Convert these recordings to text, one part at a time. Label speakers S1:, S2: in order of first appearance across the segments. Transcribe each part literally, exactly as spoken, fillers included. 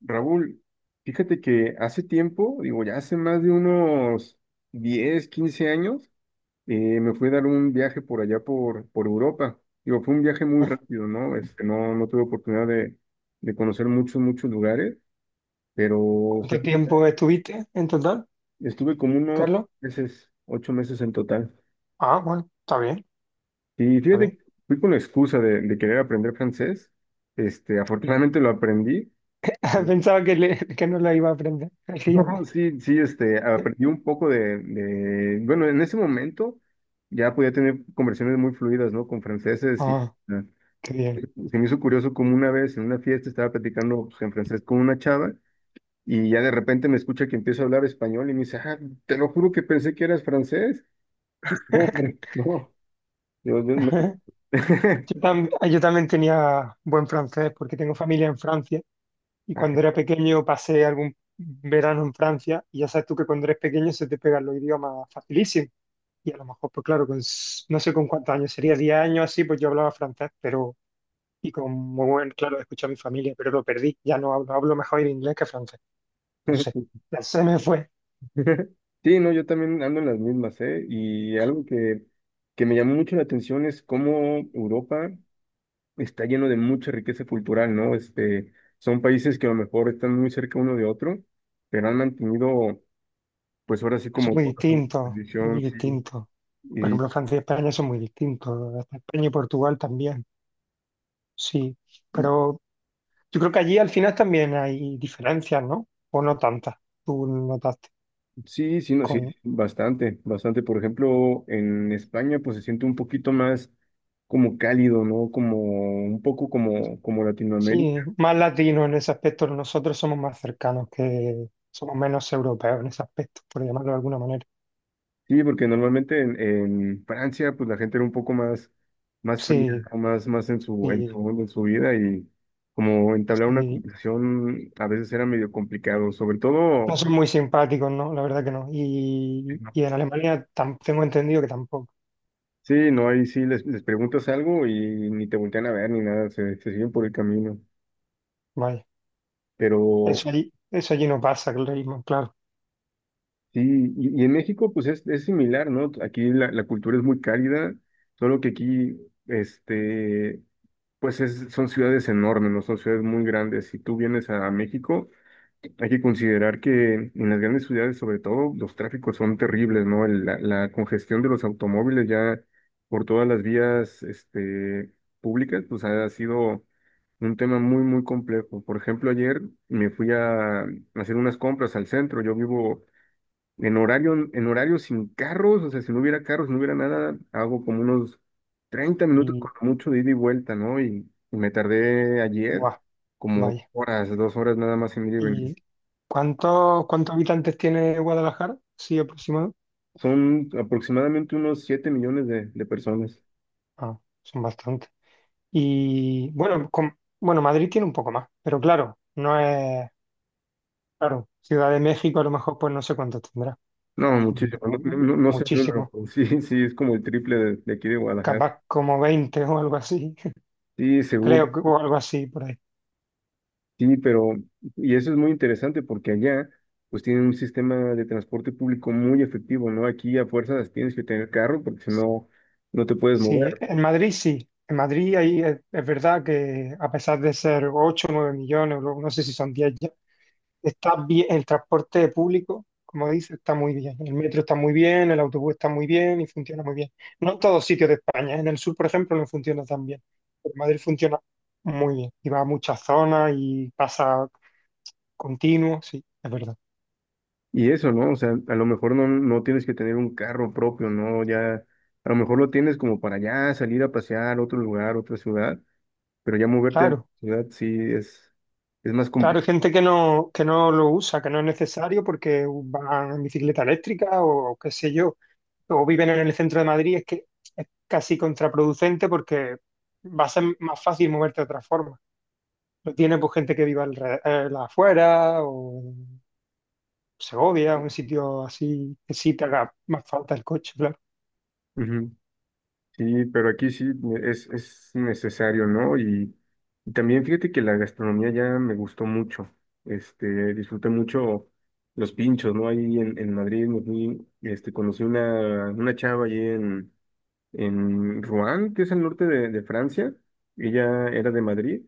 S1: Raúl, fíjate que hace tiempo, digo, ya hace más de unos diez quince años, eh, me fui a dar un viaje por allá por, por Europa. Digo, fue un viaje muy rápido, ¿no? Este, no, no tuve oportunidad de, de conocer muchos, muchos lugares, pero sí,
S2: ¿Cuánto tiempo estuviste en total,
S1: estuve como unos
S2: Carlos?
S1: meses, ocho meses en total.
S2: Ah, bueno, está bien,
S1: Y
S2: está
S1: fíjate,
S2: bien.
S1: fui con la excusa de, de querer aprender francés. Este, afortunadamente lo aprendí.
S2: Pensaba que, le- que no la iba a aprender. Así.
S1: No, sí, sí, este, aprendí un poco de, de- bueno, en ese momento ya podía tener conversaciones muy fluidas, ¿no? Con franceses y
S2: Ah,
S1: ah,
S2: qué bien.
S1: se me hizo curioso como una vez en una fiesta estaba platicando pues, en francés con una chava y ya de repente me escucha que empiezo a hablar español y me dice, ah, te lo juro que pensé que eras francés. Y no, hombre, no. Yo- yo me-
S2: Yo, tam- yo también tenía buen francés porque tengo familia en Francia y cuando
S1: Ay.
S2: era pequeño pasé algún verano en Francia y ya sabes tú que cuando eres pequeño se te pegan los idiomas facilísimo. Y a lo mejor, pues claro, con, s- no sé con cuántos años, sería diez años así, pues yo hablaba francés, pero y con muy buen, claro, escuché a mi familia, pero lo perdí. Ya no hablo, hablo mejor el inglés que francés. No sé, se me fue.
S1: Sí, no, yo también ando en las mismas, ¿eh? Y algo que, que me llamó mucho la atención es cómo Europa está lleno de mucha riqueza cultural, ¿no? Este, son países que a lo mejor están muy cerca uno de otro, pero han mantenido, pues ahora sí
S2: Son
S1: como
S2: muy
S1: toda su
S2: distintos, muy
S1: tradición, sí,
S2: distintos. Por
S1: y
S2: ejemplo, Francia y España son muy distintos, hasta España y Portugal también, sí.
S1: y
S2: Pero yo creo que allí al final también hay diferencias, ¿no? O no tantas, tú notaste.
S1: sí, sí, no, sí,
S2: Con,
S1: bastante, bastante. Por ejemplo, en España, pues se siente un poquito más como cálido, ¿no? Como un poco como, como
S2: sí,
S1: Latinoamérica.
S2: más latinos en ese aspecto, nosotros somos más cercanos que, somos menos europeos en ese aspecto, por llamarlo de alguna manera.
S1: Sí, porque normalmente en, en Francia, pues la gente era un poco más, más fría,
S2: Sí,
S1: ¿no? Más, más en su, en su
S2: sí,
S1: onda, en su vida y como entablar una
S2: sí.
S1: conversación a veces era medio complicado, sobre
S2: No
S1: todo,
S2: son muy simpáticos, ¿no? La verdad que no. Y, y en Alemania tam- tengo entendido que tampoco.
S1: sí, no, ahí sí les, les preguntas algo y ni te voltean a ver ni nada, se, se siguen por el camino.
S2: Vaya.
S1: Pero
S2: Eso allí, eso allí no pasa, el ritmo, claro.
S1: sí, y, y en México pues es, es similar, ¿no? Aquí la, la cultura es muy cálida, solo que aquí, este... pues es- son ciudades enormes, ¿no? Son ciudades muy grandes. Si tú vienes a México, hay que considerar que en las grandes ciudades, sobre todo, los tráficos son terribles, ¿no? El- la, la congestión de los automóviles ya por todas las vías, este, públicas, pues ha sido un tema muy, muy complejo. Por ejemplo, ayer me fui a hacer unas compras al centro. Yo vivo en horario, en horario sin carros, o sea, si no hubiera carros, si no hubiera nada, hago como unos treinta minutos
S2: Y,
S1: con mucho de ida y vuelta, ¿no? Y, y me tardé ayer
S2: buah,
S1: como
S2: vaya.
S1: horas, dos horas nada más en ir y venir.
S2: ¿Y cuántos, cuántos habitantes tiene Guadalajara? Sí, aproximado.
S1: Son aproximadamente unos siete millones de, de personas.
S2: Ah, son bastantes. Y bueno, con- bueno, Madrid tiene un poco más, pero claro, no es, claro, Ciudad de México a lo mejor pues no sé cuántos tendrá,
S1: No, muchísimo, no,
S2: pero
S1: no, no sé el número,
S2: muchísimos,
S1: pero sí, sí, es como el triple de, de aquí de Guadalajara.
S2: capaz como veinte o algo así,
S1: Sí,
S2: creo
S1: seguro.
S2: que o algo así por ahí.
S1: Sí, pero, y eso es muy interesante porque allá, pues tienen un sistema de transporte público muy efectivo, ¿no? Aquí a fuerzas tienes que tener carro porque si no, no te puedes
S2: Sí,
S1: mover.
S2: en Madrid sí. En Madrid ahí es, es verdad que a pesar de ser ocho o nueve millones, o luego no sé si son diez. Está bien, el transporte público, como dice, está muy bien. El metro está muy bien, el autobús está muy bien y funciona muy bien. No en todos sitios de España, ¿eh? En el sur, por ejemplo, no funciona tan bien. Pero Madrid funciona muy bien y va a muchas zonas y pasa continuo, sí, es verdad.
S1: Y eso, ¿no? O sea, a lo mejor no, no tienes que tener un carro propio, ¿no? Ya, a lo mejor lo tienes como para allá, salir a pasear a otro lugar, otra ciudad, pero ya moverte de
S2: Claro,
S1: ciudad sí es, es más
S2: claro, hay
S1: complicado.
S2: gente que no, que no lo usa, que no es necesario porque van en bicicleta eléctrica o qué sé yo, o viven en el centro de Madrid, es que es casi contraproducente porque va a ser más fácil moverte de otra forma. Lo tiene pues gente que viva alre- eh, la afuera o en Segovia, un sitio así que sí te haga más falta el coche, claro.
S1: Sí, pero aquí sí es, es necesario, ¿no? Y, y también fíjate que la gastronomía ya me gustó mucho. Este, disfruté mucho los pinchos, ¿no? Ahí en, en Madrid, me fui, este, conocí una, una chava allí en, en Rouen, que es al norte de, de Francia. Ella era de Madrid.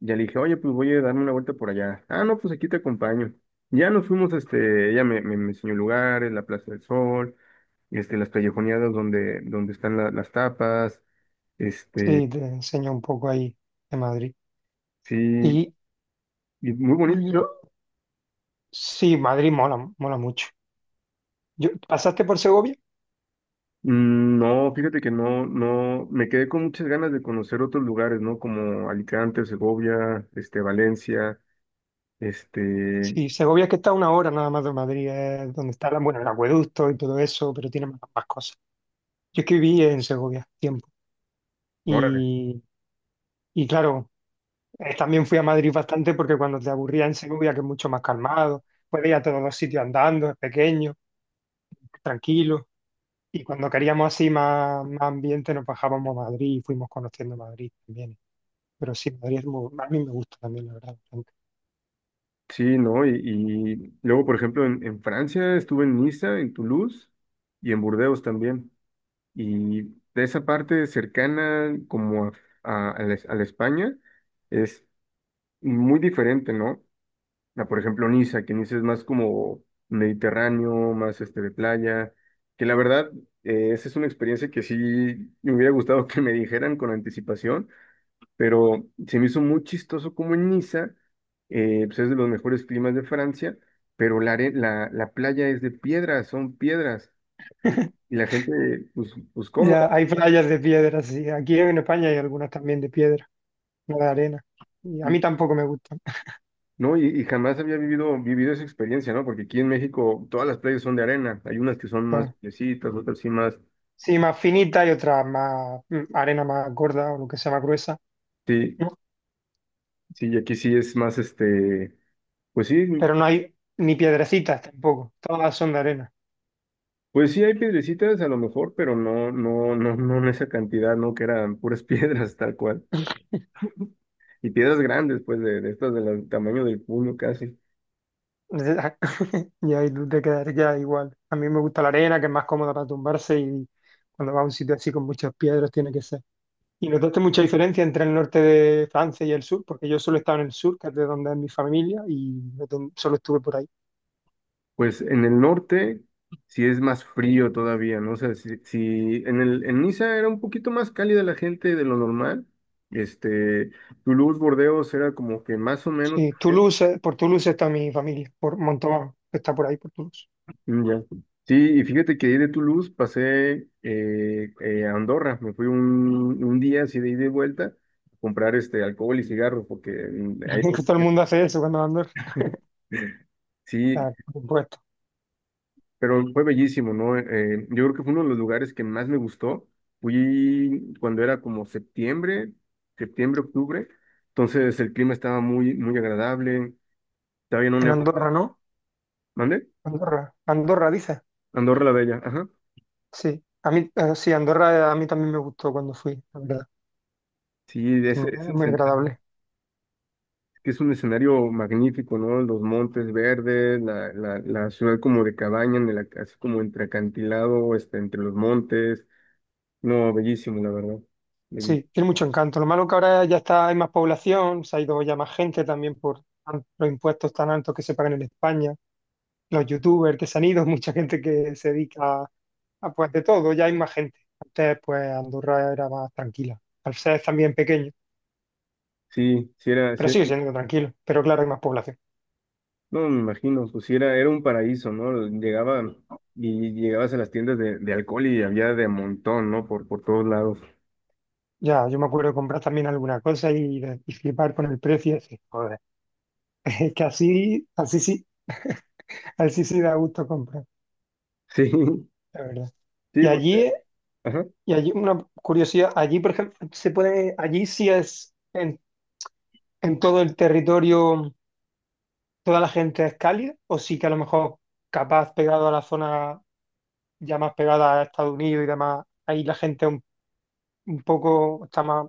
S1: Ya le dije, oye, pues voy a darme una vuelta por allá. Ah, no, pues aquí te acompaño. Ya nos fuimos, este, ella me, me, me enseñó lugares, la Plaza del Sol, este, las callejoneadas donde, donde están la- las tapas, este,
S2: Sí, te enseña un poco ahí de Madrid.
S1: sí,
S2: Y
S1: y muy bonito.
S2: lo- sí, Madrid mola, mola mucho. Yo, ¿pasaste por Segovia?
S1: Mm, No, fíjate que no, no, me quedé con muchas ganas de conocer otros lugares, ¿no? Como Alicante, Segovia, este, Valencia, este,
S2: Sí, Segovia es que está a una hora nada más de Madrid, es donde está la- bueno, el acueducto y todo eso, pero tiene más, más cosas. Yo es que viví en Segovia tiempo
S1: ¿ahora?
S2: y, y claro. Eh, también fui a Madrid bastante porque cuando te aburría en Segovia, que es mucho más calmado, puedes ir a todos los sitios andando, es pequeño, tranquilo. Y cuando queríamos así más, más ambiente, nos bajábamos a Madrid y fuimos conociendo Madrid también. Pero sí, Madrid es muy- a mí me gusta también, la verdad. Bastante.
S1: Sí, ¿no? Y, y luego, por ejemplo, en, en Francia estuve en Niza, en Toulouse y en Burdeos también. Y de esa parte cercana como a, a- a la, a la España es muy diferente, ¿no? A, por ejemplo, Niza, que Niza es más como mediterráneo, más este de playa, que la verdad, eh, esa es una experiencia que sí me hubiera gustado que me dijeran con anticipación pero se me hizo muy chistoso como en Niza, eh, pues es de los mejores climas de Francia, pero la, are- la, la playa es de piedras, son piedras, y y la gente, pues, pues
S2: Ya
S1: cómoda,
S2: hay playas de piedra, sí. Aquí en España hay algunas también de piedra, no de arena. Y a
S1: y,
S2: mí tampoco me gustan.
S1: ¿no? Y, y jamás había vivido, vivido esa experiencia, ¿no? Porque aquí en México todas las playas son de arena, hay unas que son más
S2: Ah.
S1: piecitas, otras sí más,
S2: Sí, más finita y otras más mm, arena más gorda o lo que sea más gruesa.
S1: sí, sí, y aquí sí es más, este, pues sí.
S2: Pero no hay ni piedrecitas tampoco, todas son de arena.
S1: Pues sí, hay piedrecitas a lo mejor, pero no, no, no, no en esa cantidad, ¿no? Que eran puras piedras, tal cual, y piedras grandes, pues de, de estas del tamaño del puño casi.
S2: Y ahí tú te quedas igual. A mí me gusta la arena, que es más cómoda para tumbarse y cuando vas a un sitio así con muchas piedras tiene que ser. Y notaste mucha diferencia entre el norte de Francia y el sur, porque yo solo he estado en el sur, que es de donde es mi familia, y no ten- solo estuve por ahí.
S1: Pues en el norte sí es más frío todavía, ¿no? O sea, si, si en el, en Niza era un poquito más cálida la gente de lo normal, este, Toulouse, Bordeos era como que más o menos,
S2: Sí,
S1: eh,
S2: Toulouse, por Toulouse está mi familia, por Montauban, que está por ahí, por Toulouse.
S1: ya. Sí, y fíjate que ahí de Toulouse pasé eh, eh, a Andorra, me fui un, un día así de ida y vuelta a comprar este alcohol y cigarros, porque mm, ahí...
S2: Que todo el mundo hace eso cuando va a Andorra.
S1: Sí,
S2: Claro, por supuesto.
S1: pero fue bellísimo, ¿no? Eh, yo creo que fue uno de los lugares que más me gustó. Fui cuando era como septiembre, septiembre, octubre. Entonces el clima estaba muy, muy agradable. Estaba bien un
S2: En
S1: nevado.
S2: Andorra, ¿no?
S1: ¿Mande?
S2: Andorra, Andorra, dices.
S1: Andorra la Bella, ajá.
S2: Sí, a mí, eh, sí, Andorra a mí también me gustó cuando fui, la verdad.
S1: Sí, de
S2: Tiene-
S1: ese, ese
S2: Es muy
S1: escenario,
S2: agradable.
S1: que es un escenario magnífico, ¿no? Los montes verdes, la, la, la ciudad como de cabaña, en el ac- así como entre acantilado, este, entre los montes. No, bellísimo, la verdad. Belli-
S2: Sí, tiene mucho encanto. Lo malo que ahora ya está, hay más población, se ha ido ya más gente también por tan- los impuestos tan altos que se pagan en España, los youtubers que se han ido, mucha gente que se dedica a, a, pues de todo, ya hay más gente. Antes pues Andorra era más tranquila, al ser también pequeño,
S1: Sí, sí era,
S2: pero
S1: sí
S2: sigue siendo tranquilo, pero claro, hay más población.
S1: no, me imagino, pues sí, era, era un paraíso, ¿no? Llegaba y llegabas a las tiendas de, de alcohol y había de montón, ¿no? Por, por todos lados.
S2: Ya, yo me acuerdo de comprar también alguna cosa y, de- y flipar con el precio y decir, joder. Es que así, así sí. A él sí sí da gusto comprar,
S1: Sí,
S2: la verdad. Y
S1: sí, porque,
S2: allí,
S1: ajá.
S2: y allí una curiosidad, allí por ejemplo, se puede, allí sí es en, en, todo el territorio, toda la gente es cálida, o sí que a lo mejor capaz pegado a la zona ya más pegada a Estados Unidos y demás, ahí la gente un, un poco está más,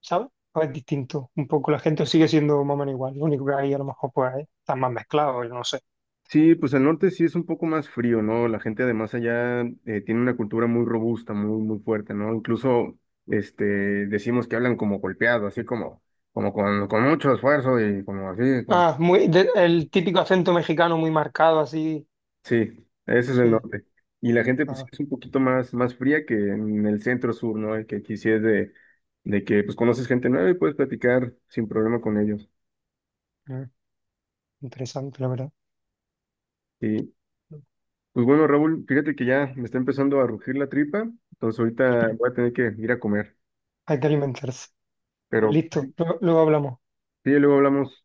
S2: ¿sabes? O es distinto, un poco la gente sigue siendo más o menos igual, lo único que ahí a lo mejor pues están más mezclados, yo no sé.
S1: Sí, pues al norte sí es un poco más frío, ¿no? La gente además allá eh, tiene una cultura muy robusta, muy, muy fuerte, ¿no? Incluso, este, decimos que hablan como golpeado, así como, como con, con mucho esfuerzo y como así, con-
S2: Ah, muy, de- el típico acento mexicano muy marcado así,
S1: Sí, ese es el
S2: sí.
S1: norte. Y la gente pues sí
S2: Ah,
S1: es un poquito más, más fría que en el centro sur, ¿no? Y que aquí sí es de, de que pues conoces gente nueva y puedes platicar sin problema con ellos.
S2: interesante, la verdad.
S1: Y pues bueno, Raúl, fíjate que ya me está empezando a rugir la tripa, entonces ahorita voy a tener que ir a comer.
S2: Hay que alimentarse. Pues
S1: Pero
S2: listo, luego luego hablamos.
S1: sí, luego hablamos.